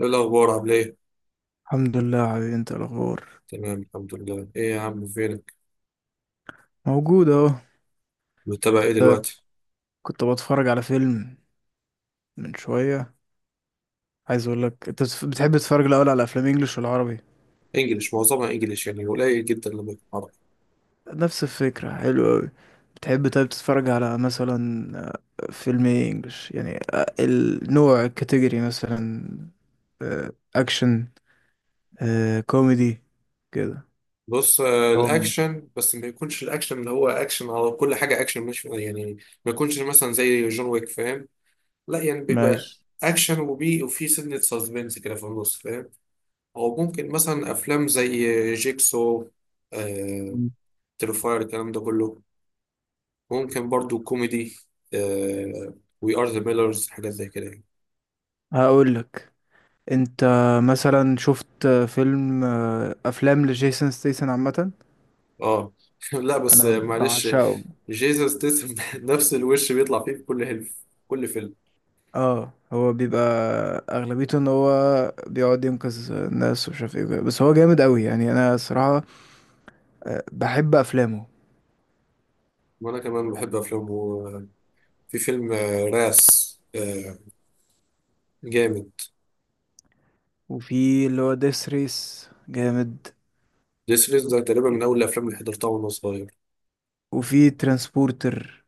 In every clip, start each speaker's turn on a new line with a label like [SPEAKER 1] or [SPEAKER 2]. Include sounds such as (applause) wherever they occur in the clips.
[SPEAKER 1] ايه الاخبار؟ عامل ايه؟
[SPEAKER 2] الحمد لله يا حبيبي، انت إيه الاخبار؟
[SPEAKER 1] تمام الحمد لله. ايه يا عم، فينك؟
[SPEAKER 2] موجود اهو.
[SPEAKER 1] متابع ايه
[SPEAKER 2] كنت
[SPEAKER 1] دلوقتي؟
[SPEAKER 2] كنت بتفرج على فيلم من شويه. عايز اقول لك، انت بتحب تتفرج الاول على افلام انجلش ولا عربي؟
[SPEAKER 1] انجليش، معظمها انجليش، قليل جدا لما يكون عربي.
[SPEAKER 2] نفس الفكره، حلو قوي. بتحب طيب تتفرج على مثلا فيلم ايه؟ انجلش يعني. النوع، الكاتيجوري مثلا، اكشن، كوميدي كده؟
[SPEAKER 1] بص،
[SPEAKER 2] دراما.
[SPEAKER 1] الاكشن، بس ما يكونش الاكشن اللي هو اكشن على كل حاجه اكشن، مش يعني ما يكونش مثلا زي جون ويك، فاهم؟ لا بيبقى
[SPEAKER 2] ماشي.
[SPEAKER 1] اكشن وبي وفي سنه سسبنس كده في النص، فاهم؟ او ممكن مثلا افلام زي جيكسو، آه، تريفاير، الكلام ده كله. ممكن برضو كوميدي، آه، وي ار ذا ميلرز، حاجات زي كده.
[SPEAKER 2] هقول لك، انت مثلا شفت فيلم، افلام لجيسون ستيسن عامه؟
[SPEAKER 1] اه. (laughs) لا بس
[SPEAKER 2] انا
[SPEAKER 1] معلش،
[SPEAKER 2] بعشقه.
[SPEAKER 1] جيسوس ستيسم (laughs) نفس الوش بيطلع فيه في كل هلف كل فيلم.
[SPEAKER 2] اه، هو بيبقى اغلبيته ان هو بيقعد ينقذ الناس ومش عارف ايه وكده. بس هو جامد قوي يعني. انا صراحة بحب افلامه.
[SPEAKER 1] وانا كمان بحب افلامه. وفي فيلم راس، جامد.
[SPEAKER 2] وفي اللي هو ديس ريس، جامد.
[SPEAKER 1] جيسوس ده تقريبا من اول الافلام اللي حضرتها وانا صغير.
[SPEAKER 2] وفي ترانسبورتر.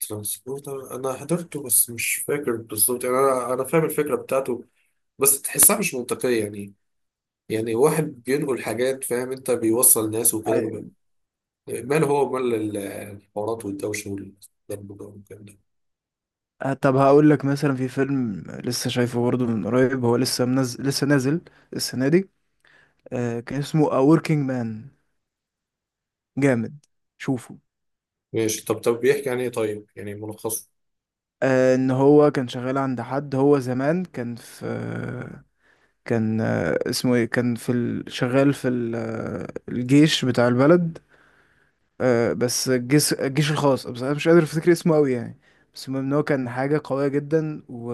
[SPEAKER 1] ترانسبورتر انا حضرته بس مش فاكر بالظبط، انا فاهم الفكره بتاعته بس تحسها مش منطقيه، يعني واحد بينقل حاجات، فاهم انت، بيوصل ناس وكده.
[SPEAKER 2] أيوة.
[SPEAKER 1] ماله، هو مال الحوارات والدوشه والضرب ده والكلام ده.
[SPEAKER 2] طب هقول لك، مثلا في فيلم لسه شايفه برضه من قريب، هو لسه منزل، لسه نازل السنة دي، كان اسمه A Working Man. جامد، شوفه.
[SPEAKER 1] ماشي، طب بيحكي عن ايه طيب، يعني ملخصه.
[SPEAKER 2] ان هو كان شغال عند حد، هو زمان كان في، كان اسمه ايه، كان في شغال في الجيش بتاع البلد، بس الجيش، الجيش الخاص، بس انا مش قادر افتكر اسمه قوي يعني. بس المهم ان هو كان حاجة قوية جدا،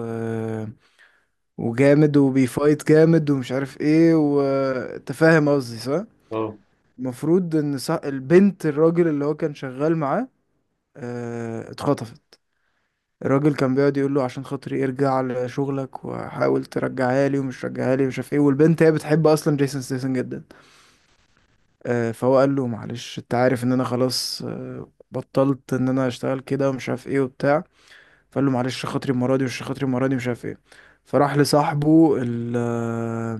[SPEAKER 2] وجامد، وبيفايت جامد ومش عارف ايه وتفاهم. قصدي صح؟
[SPEAKER 1] اه.
[SPEAKER 2] المفروض ان، صح، البنت الراجل اللي هو كان شغال معاه اتخطفت. الراجل كان بيقعد يقول له عشان خاطري ارجع لشغلك وحاول ترجعها لي ومش رجعها لي ومش عارف ايه. والبنت هي بتحب اصلا جيسون ستاثام جدا، فهو قال له معلش، انت عارف ان انا خلاص بطلت ان انا اشتغل كده ومش عارف ايه وبتاع. فقال له معلش، خاطري المره دي، مش خاطري المره دي، مش عارف ايه. فراح لصاحبه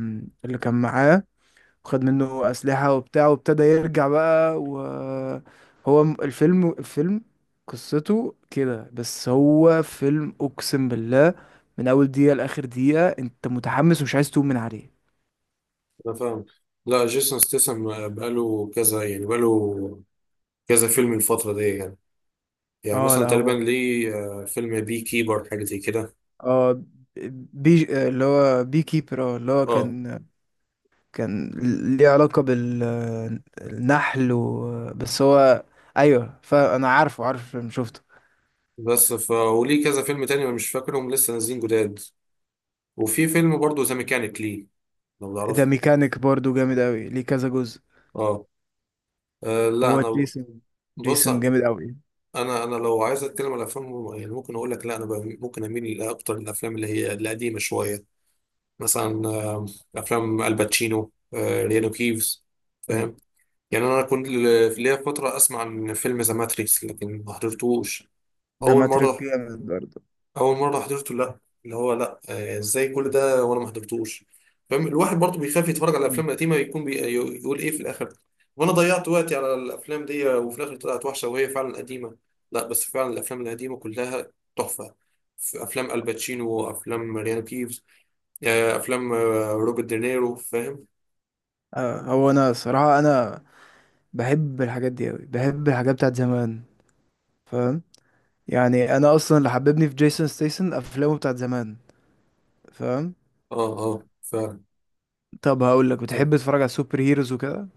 [SPEAKER 2] اللي كان معاه، وخد منه اسلحه وبتاع وابتدى يرجع بقى. وهو الفيلم قصته كده، بس هو فيلم اقسم بالله من اول دقيقه لاخر دقيقه انت متحمس ومش عايز تقوم من عليه.
[SPEAKER 1] انا فاهم. لا جيسون ستاثام بقاله كذا فيلم الفترة دي، يعني
[SPEAKER 2] اه لا،
[SPEAKER 1] مثلا تقريبا
[SPEAKER 2] هو
[SPEAKER 1] ليه فيلم بي كيبر، حاجة زي كده.
[SPEAKER 2] اه بي، اللي هو بي كيبر، اه، اللي هو
[SPEAKER 1] اه
[SPEAKER 2] كان، كان ليه علاقة بالنحل بس هو، ايوه، فانا عارف الفيلم، شفته.
[SPEAKER 1] بس ف وليه كذا فيلم تاني أنا مش فاكرهم، لسه نازلين جداد. وفي فيلم برضه ذا ميكانيك، ليه، لو
[SPEAKER 2] ده
[SPEAKER 1] تعرفه.
[SPEAKER 2] ميكانيك برضو جامد قوي، ليه كذا جزء.
[SPEAKER 1] اه. لا
[SPEAKER 2] هو
[SPEAKER 1] انا.
[SPEAKER 2] جيسون،
[SPEAKER 1] بص،
[SPEAKER 2] جيسون جامد قوي.
[SPEAKER 1] انا لو عايز اتكلم على افلام، يعني ممكن اقول لك لا انا ممكن اميل اكتر للافلام اللي هي القديمة شوية. مثلا افلام الباتشينو، ريانو كيفز، فاهم؟ يعني انا كنت في ليا فتره اسمع عن فيلم ذا ماتريكس لكن ما حضرتوش.
[SPEAKER 2] ده
[SPEAKER 1] اول
[SPEAKER 2] ماتريك
[SPEAKER 1] مره،
[SPEAKER 2] جامد برضو.
[SPEAKER 1] اول مره حضرته، لا، اللي هو لا، ازاي كل ده وانا ما حضرتوش؟ فاهم، الواحد برضه بيخاف يتفرج على
[SPEAKER 2] مم.
[SPEAKER 1] الافلام القديمه، يكون بي... يقول ايه في الاخر؟ وانا ضيعت وقتي على الافلام دي وفي الاخر طلعت وحشه وهي فعلا قديمه. لا بس فعلا الافلام القديمه كلها تحفه. في افلام الباتشينو وافلام ريانو كيفز، يعني افلام روبرت دينيرو، فاهم؟
[SPEAKER 2] آه، هو انا صراحة انا بحب الحاجات دي قوي، بحب الحاجات بتاعت زمان، فاهم؟ يعني انا اصلا اللي حببني في جيسون ستيسن افلامه بتاعت زمان، فاهم؟
[SPEAKER 1] اه اه فعلا.
[SPEAKER 2] طب هقول لك،
[SPEAKER 1] طب
[SPEAKER 2] بتحب تتفرج على السوبر هيروز وكده؟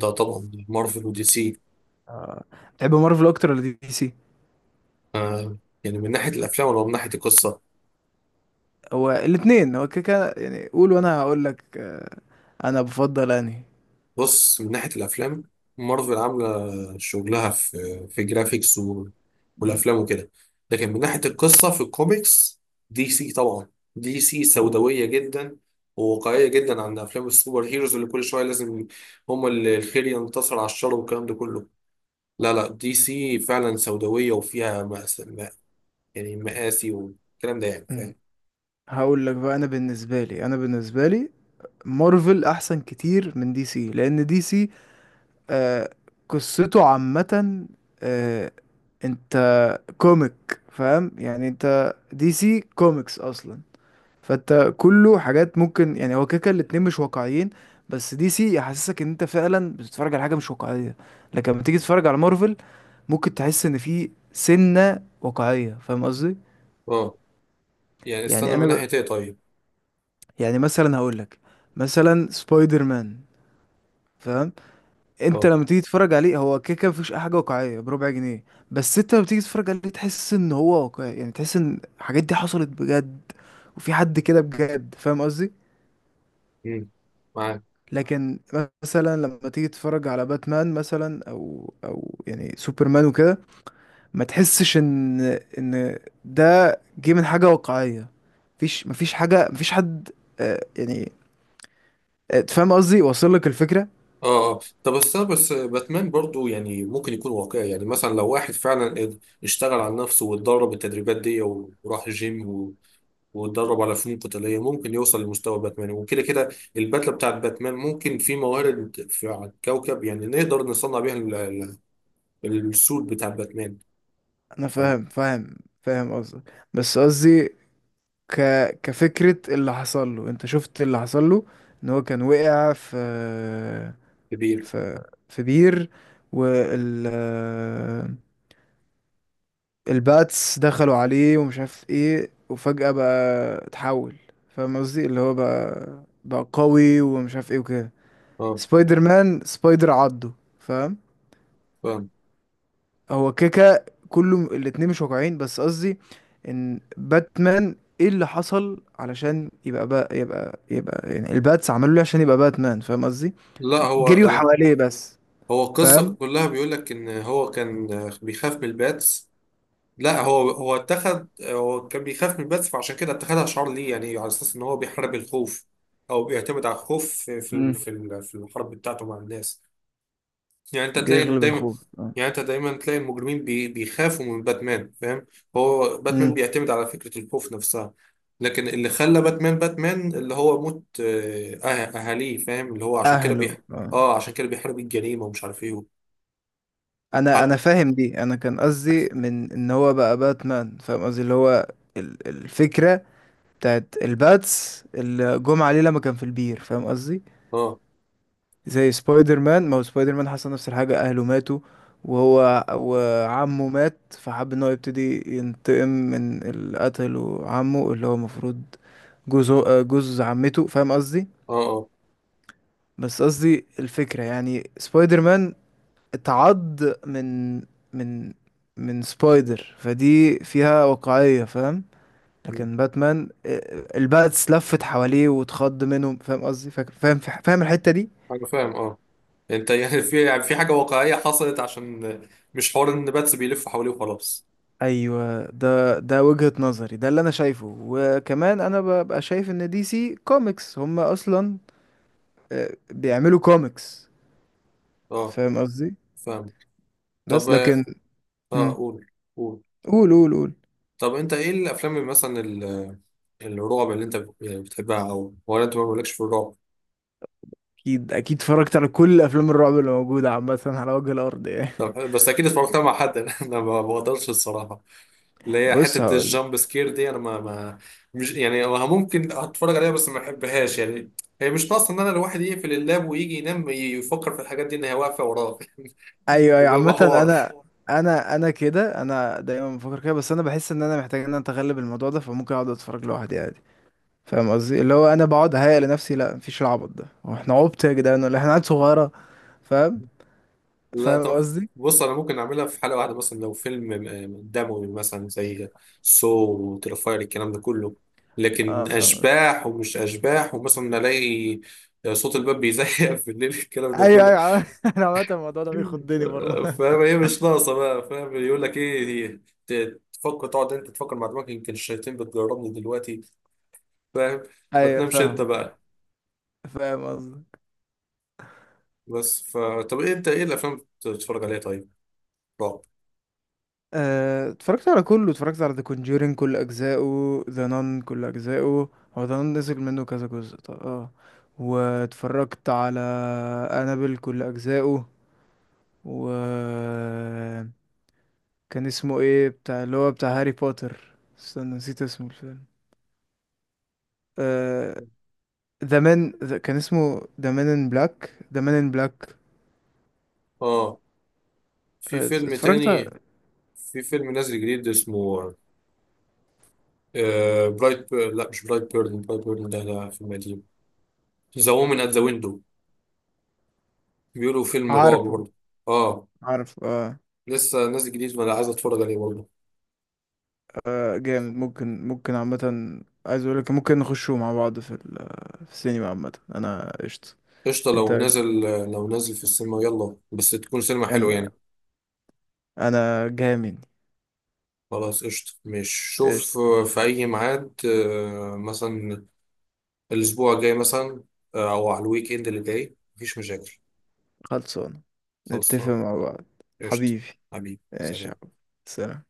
[SPEAKER 1] ده طبعا مارفل ودي سي.
[SPEAKER 2] آه، بتحب مارفل اكتر ولا دي سي؟
[SPEAKER 1] آه، يعني من ناحيه الافلام ولا من ناحيه القصه؟
[SPEAKER 2] هو الاثنين، هو كده كده يعني، قول وانا هقول لك. انا بفضل انهي.
[SPEAKER 1] بص، من ناحيه الافلام مارفل عامله شغلها في في جرافيكس و...
[SPEAKER 2] مم.
[SPEAKER 1] والافلام وكده، لكن من ناحيه القصه في الكوميكس دي سي طبعا. دي سي
[SPEAKER 2] هو
[SPEAKER 1] سوداويه جدا وواقعيه جدا عن افلام السوبر هيروز اللي كل شويه لازم هما اللي الخير ينتصر على الشر والكلام ده كله. لا لا، دي سي فعلا سوداوية وفيها، يعني مقاسي والكلام ده، يعني
[SPEAKER 2] مم.
[SPEAKER 1] فاهم.
[SPEAKER 2] هقول لك بقى، انا بالنسبه لي، انا بالنسبه لي مارفل احسن كتير من دي سي، لان دي سي آه، قصته عامه آه، انت كوميك، فاهم يعني؟ انت دي سي كوميكس اصلا، فانت كله حاجات ممكن، يعني هو كده كده الاتنين مش واقعيين، بس دي سي يحسسك ان انت فعلا بتتفرج على حاجه مش واقعيه. لكن لما تيجي تتفرج على مارفل، ممكن تحس ان في سنه واقعيه، فاهم قصدي؟
[SPEAKER 1] اه
[SPEAKER 2] يعني
[SPEAKER 1] استنى،
[SPEAKER 2] انا
[SPEAKER 1] من ناحية ايه طيب؟
[SPEAKER 2] يعني مثلا هقول لك، مثلا سبايدر مان، فاهم؟ انت
[SPEAKER 1] اه.
[SPEAKER 2] لما تيجي تتفرج عليه، هو كده كده مفيش اي حاجه واقعيه بربع جنيه، بس انت لما تيجي تتفرج عليه تحس ان هو واقعي يعني، تحس ان الحاجات دي حصلت بجد، وفي حد كده بجد، فاهم قصدي؟
[SPEAKER 1] مم. معاك.
[SPEAKER 2] لكن مثلا لما تيجي تتفرج على باتمان مثلا، او او يعني سوبرمان وكده، ما تحسش ان، ان ده جه من حاجه واقعيه. مفيش، مفيش حاجه، مفيش حد. يعني، فاهم قصدي؟ واصل لك الفكره؟
[SPEAKER 1] اه اه، طب استنى بس باتمان برضو يعني ممكن يكون واقعي، يعني مثلا لو واحد فعلا اشتغل على نفسه واتدرب التدريبات دي وراح جيم و- واتدرب على فنون قتالية، ممكن يوصل لمستوى باتمان. وكده كده البدلة بتاعت باتمان ممكن في موارد في على الكوكب يعني نقدر نصنع بيها السود بتاع باتمان.
[SPEAKER 2] انا فاهم، فاهم، فاهم قصدك، بس قصدي ك كفكره، اللي حصل له، انت شفت اللي حصل له؟ ان هو كان وقع في،
[SPEAKER 1] فكبير.
[SPEAKER 2] في، في بير، وال آه، الباتس دخلوا عليه ومش عارف ايه، وفجأة بقى اتحول، فاهم قصدي؟ اللي هو بقى، بقى قوي ومش عارف ايه وكده.
[SPEAKER 1] اه
[SPEAKER 2] سبايدر مان سبايدر عضه، فاهم؟
[SPEAKER 1] فاهم.
[SPEAKER 2] هو كيكا كله الاتنين مش واقعين، بس قصدي ان باتمان ايه اللي حصل علشان يبقى، بقى، يبقى، يبقى يعني، الباتس عملوا ليه عشان يبقى باتمان، فاهم قصدي؟
[SPEAKER 1] لا هو،
[SPEAKER 2] جريوا حواليه بس،
[SPEAKER 1] هو القصة
[SPEAKER 2] فاهم؟
[SPEAKER 1] كلها بيقول لك إن هو كان بيخاف من الباتس. لا هو، هو اتخذ، هو كان بيخاف من الباتس فعشان كده اتخذها شعار ليه، يعني على أساس إن هو بيحارب الخوف، أو بيعتمد على الخوف في
[SPEAKER 2] مم.
[SPEAKER 1] في الحرب بتاعته مع الناس. يعني أنت تلاقي إن
[SPEAKER 2] بيغلب
[SPEAKER 1] دايما،
[SPEAKER 2] الخوف، آه.
[SPEAKER 1] يعني أنت دايما تلاقي المجرمين بيخافوا من باتمان، فاهم؟ هو باتمان
[SPEAKER 2] مم.
[SPEAKER 1] بيعتمد على فكرة الخوف نفسها. لكن اللي خلى باتمان باتمان اللي هو موت أهاليه، فاهم، اللي هو عشان كده
[SPEAKER 2] اهله، آه.
[SPEAKER 1] اه عشان كده بيحارب الجريمة ومش عارف إيه.
[SPEAKER 2] انا،
[SPEAKER 1] حتى.
[SPEAKER 2] انا فاهم دي، انا كان قصدي من ان هو بقى باتمان، فاهم قصدي؟ اللي هو الفكره بتاعت الباتس اللي جم عليه لما كان في البير، فاهم قصدي؟
[SPEAKER 1] اه
[SPEAKER 2] زي سبايدر مان، ما هو سبايدر مان حصل نفس الحاجه، اهله ماتوا، وهو وعمه مات فحب ان هو يبتدي ينتقم من اللي قتله عمه، اللي هو المفروض جوز، جوز عمته، فاهم قصدي؟
[SPEAKER 1] اه اه.
[SPEAKER 2] بس قصدي الفكره، يعني سبايدر مان اتعض من، من، من سبايدر، فدي فيها واقعية، فاهم؟
[SPEAKER 1] مم.
[SPEAKER 2] لكن باتمان، اه، الباتس لفت حواليه واتخض منهم، فاهم قصدي؟ فاهم، فاهم الحتة دي؟
[SPEAKER 1] انا فاهم اه. انت (laughs) يعني في حاجه واقعيه حصلت، عشان مش حوار ان باتس بيلف حواليه وخلاص.
[SPEAKER 2] ايوه ده، ده وجهة نظري، ده اللي انا شايفه. وكمان انا ببقى شايف ان دي سي كوميكس هم اصلا اه، بيعملوا كوميكس،
[SPEAKER 1] اه
[SPEAKER 2] فاهم قصدي؟
[SPEAKER 1] فاهم. طب.
[SPEAKER 2] بس لكن،
[SPEAKER 1] اه
[SPEAKER 2] مم.
[SPEAKER 1] قول. قول.
[SPEAKER 2] قول، قول، قول.
[SPEAKER 1] طب انت ايه الافلام اللي مثلا الرعب اللي انت بتحبها، او ولا انت ما بقولكش في الرعب؟
[SPEAKER 2] اكيد، اكيد، اتفرجت على كل افلام الرعب اللي موجودة عامة على وجه الارض يعني.
[SPEAKER 1] طب بس اكيد اتفرجتها مع حد. (laughs) انا ما بقدرش الصراحه. اللي
[SPEAKER 2] (laughs)
[SPEAKER 1] هي
[SPEAKER 2] بص،
[SPEAKER 1] حتة
[SPEAKER 2] هقول.
[SPEAKER 1] الجامب سكير دي أنا ما، مش يعني هو ممكن أتفرج عليها بس ما بحبهاش، يعني هي مش ناقصة إن أنا الواحد يقفل اللاب ويجي ينام يفكر في الحاجات دي إن هي واقفة وراه. (laughs)
[SPEAKER 2] ايوه، ايوه،
[SPEAKER 1] بيبقى
[SPEAKER 2] عامة انا،
[SPEAKER 1] حوار.
[SPEAKER 2] انا، انا كده، انا دايما بفكر كده، بس انا بحس ان انا محتاج ان انا اتغلب الموضوع ده، فممكن اقعد اتفرج لوحدي عادي، فاهم قصدي؟ اللي هو انا بقعد اهيأ لنفسي لا مفيش، العبط ده، هو احنا عبط يا جدعان ولا إيه؟ احنا عيال صغيرة، فاهم؟
[SPEAKER 1] لا
[SPEAKER 2] فاهم
[SPEAKER 1] طب،
[SPEAKER 2] قصدي؟
[SPEAKER 1] بص أنا ممكن أعملها في حلقة واحدة، مثلا لو فيلم دموي مثلا زي سو وترفاير الكلام ده كله. لكن
[SPEAKER 2] اه، فاهم قصدي.
[SPEAKER 1] أشباح ومش أشباح ومثلا ألاقي صوت الباب بيزيق (laughs) في الليل، الكلام ده
[SPEAKER 2] ايوه،
[SPEAKER 1] كله.
[SPEAKER 2] ايوه، (laughs) انا عامة الموضوع ده بيخضني برضه. (laughs)
[SPEAKER 1] فاهم، هي مش ناقصه بقى، فاهم يقول لك ايه دي، تفكر، تقعد انت تفكر مع دماغك يمكن الشياطين بتجربني دلوقتي، فاهم؟ ما
[SPEAKER 2] ايوه،
[SPEAKER 1] تنامش انت
[SPEAKER 2] فاهمك يعني،
[SPEAKER 1] بقى.
[SPEAKER 2] فاهم قصدي.
[SPEAKER 1] بس ف طب إيه، انت ايه الافلام اللي بتتفرج عليها طيب، رعب؟
[SPEAKER 2] اتفرجت على كله، اتفرجت على ذا كونجورينج كل اجزائه، ذا نان كل اجزائه، هو ذا نان نزل منه كذا جزء طب، اه. واتفرجت على انابل كل اجزائه، و كان اسمه ايه بتاع، اللي هو بتاع هاري بوتر، استنى نسيت اسمه الفيلم، آه، ذا مان، كان اسمه ذا مان ان بلاك، ذا مان ان بلاك.
[SPEAKER 1] اه. في فيلم
[SPEAKER 2] اتفرجت
[SPEAKER 1] تاني،
[SPEAKER 2] على-
[SPEAKER 1] في فيلم نازل جديد اسمه برايت بير... لا مش برايت بيرن، برايت بيرن ده ده فيلم قديم. ذا وومن ات ذا ويندو، بيقولوا فيلم رعب
[SPEAKER 2] عارفه،
[SPEAKER 1] برضه. اه.
[SPEAKER 2] عارف، اه.
[SPEAKER 1] لسه نازل جديد وانا عايز اتفرج عليه برضه.
[SPEAKER 2] جامد، ممكن، ممكن عامة، عايز اقولك ممكن نخشوا مع بعض في في السينما، عامة انا قشطة.
[SPEAKER 1] قشطة
[SPEAKER 2] انت،
[SPEAKER 1] لو نازل، لو نازل في السينما يلا، بس تكون سينما حلوة
[SPEAKER 2] انا،
[SPEAKER 1] يعني.
[SPEAKER 2] انا جامد،
[SPEAKER 1] خلاص قشطة. مش شوف
[SPEAKER 2] قشطة.
[SPEAKER 1] في أي ميعاد مثلا الأسبوع الجاي مثلا، أو على الويك إند اللي جاي، مفيش مشاكل.
[SPEAKER 2] خلصان، نتفق
[SPEAKER 1] خلصان.
[SPEAKER 2] مع بعض.
[SPEAKER 1] قشطة.
[SPEAKER 2] حبيبي،
[SPEAKER 1] حبيبي
[SPEAKER 2] ماشي
[SPEAKER 1] سلام.
[SPEAKER 2] يا حبيبي. سلام.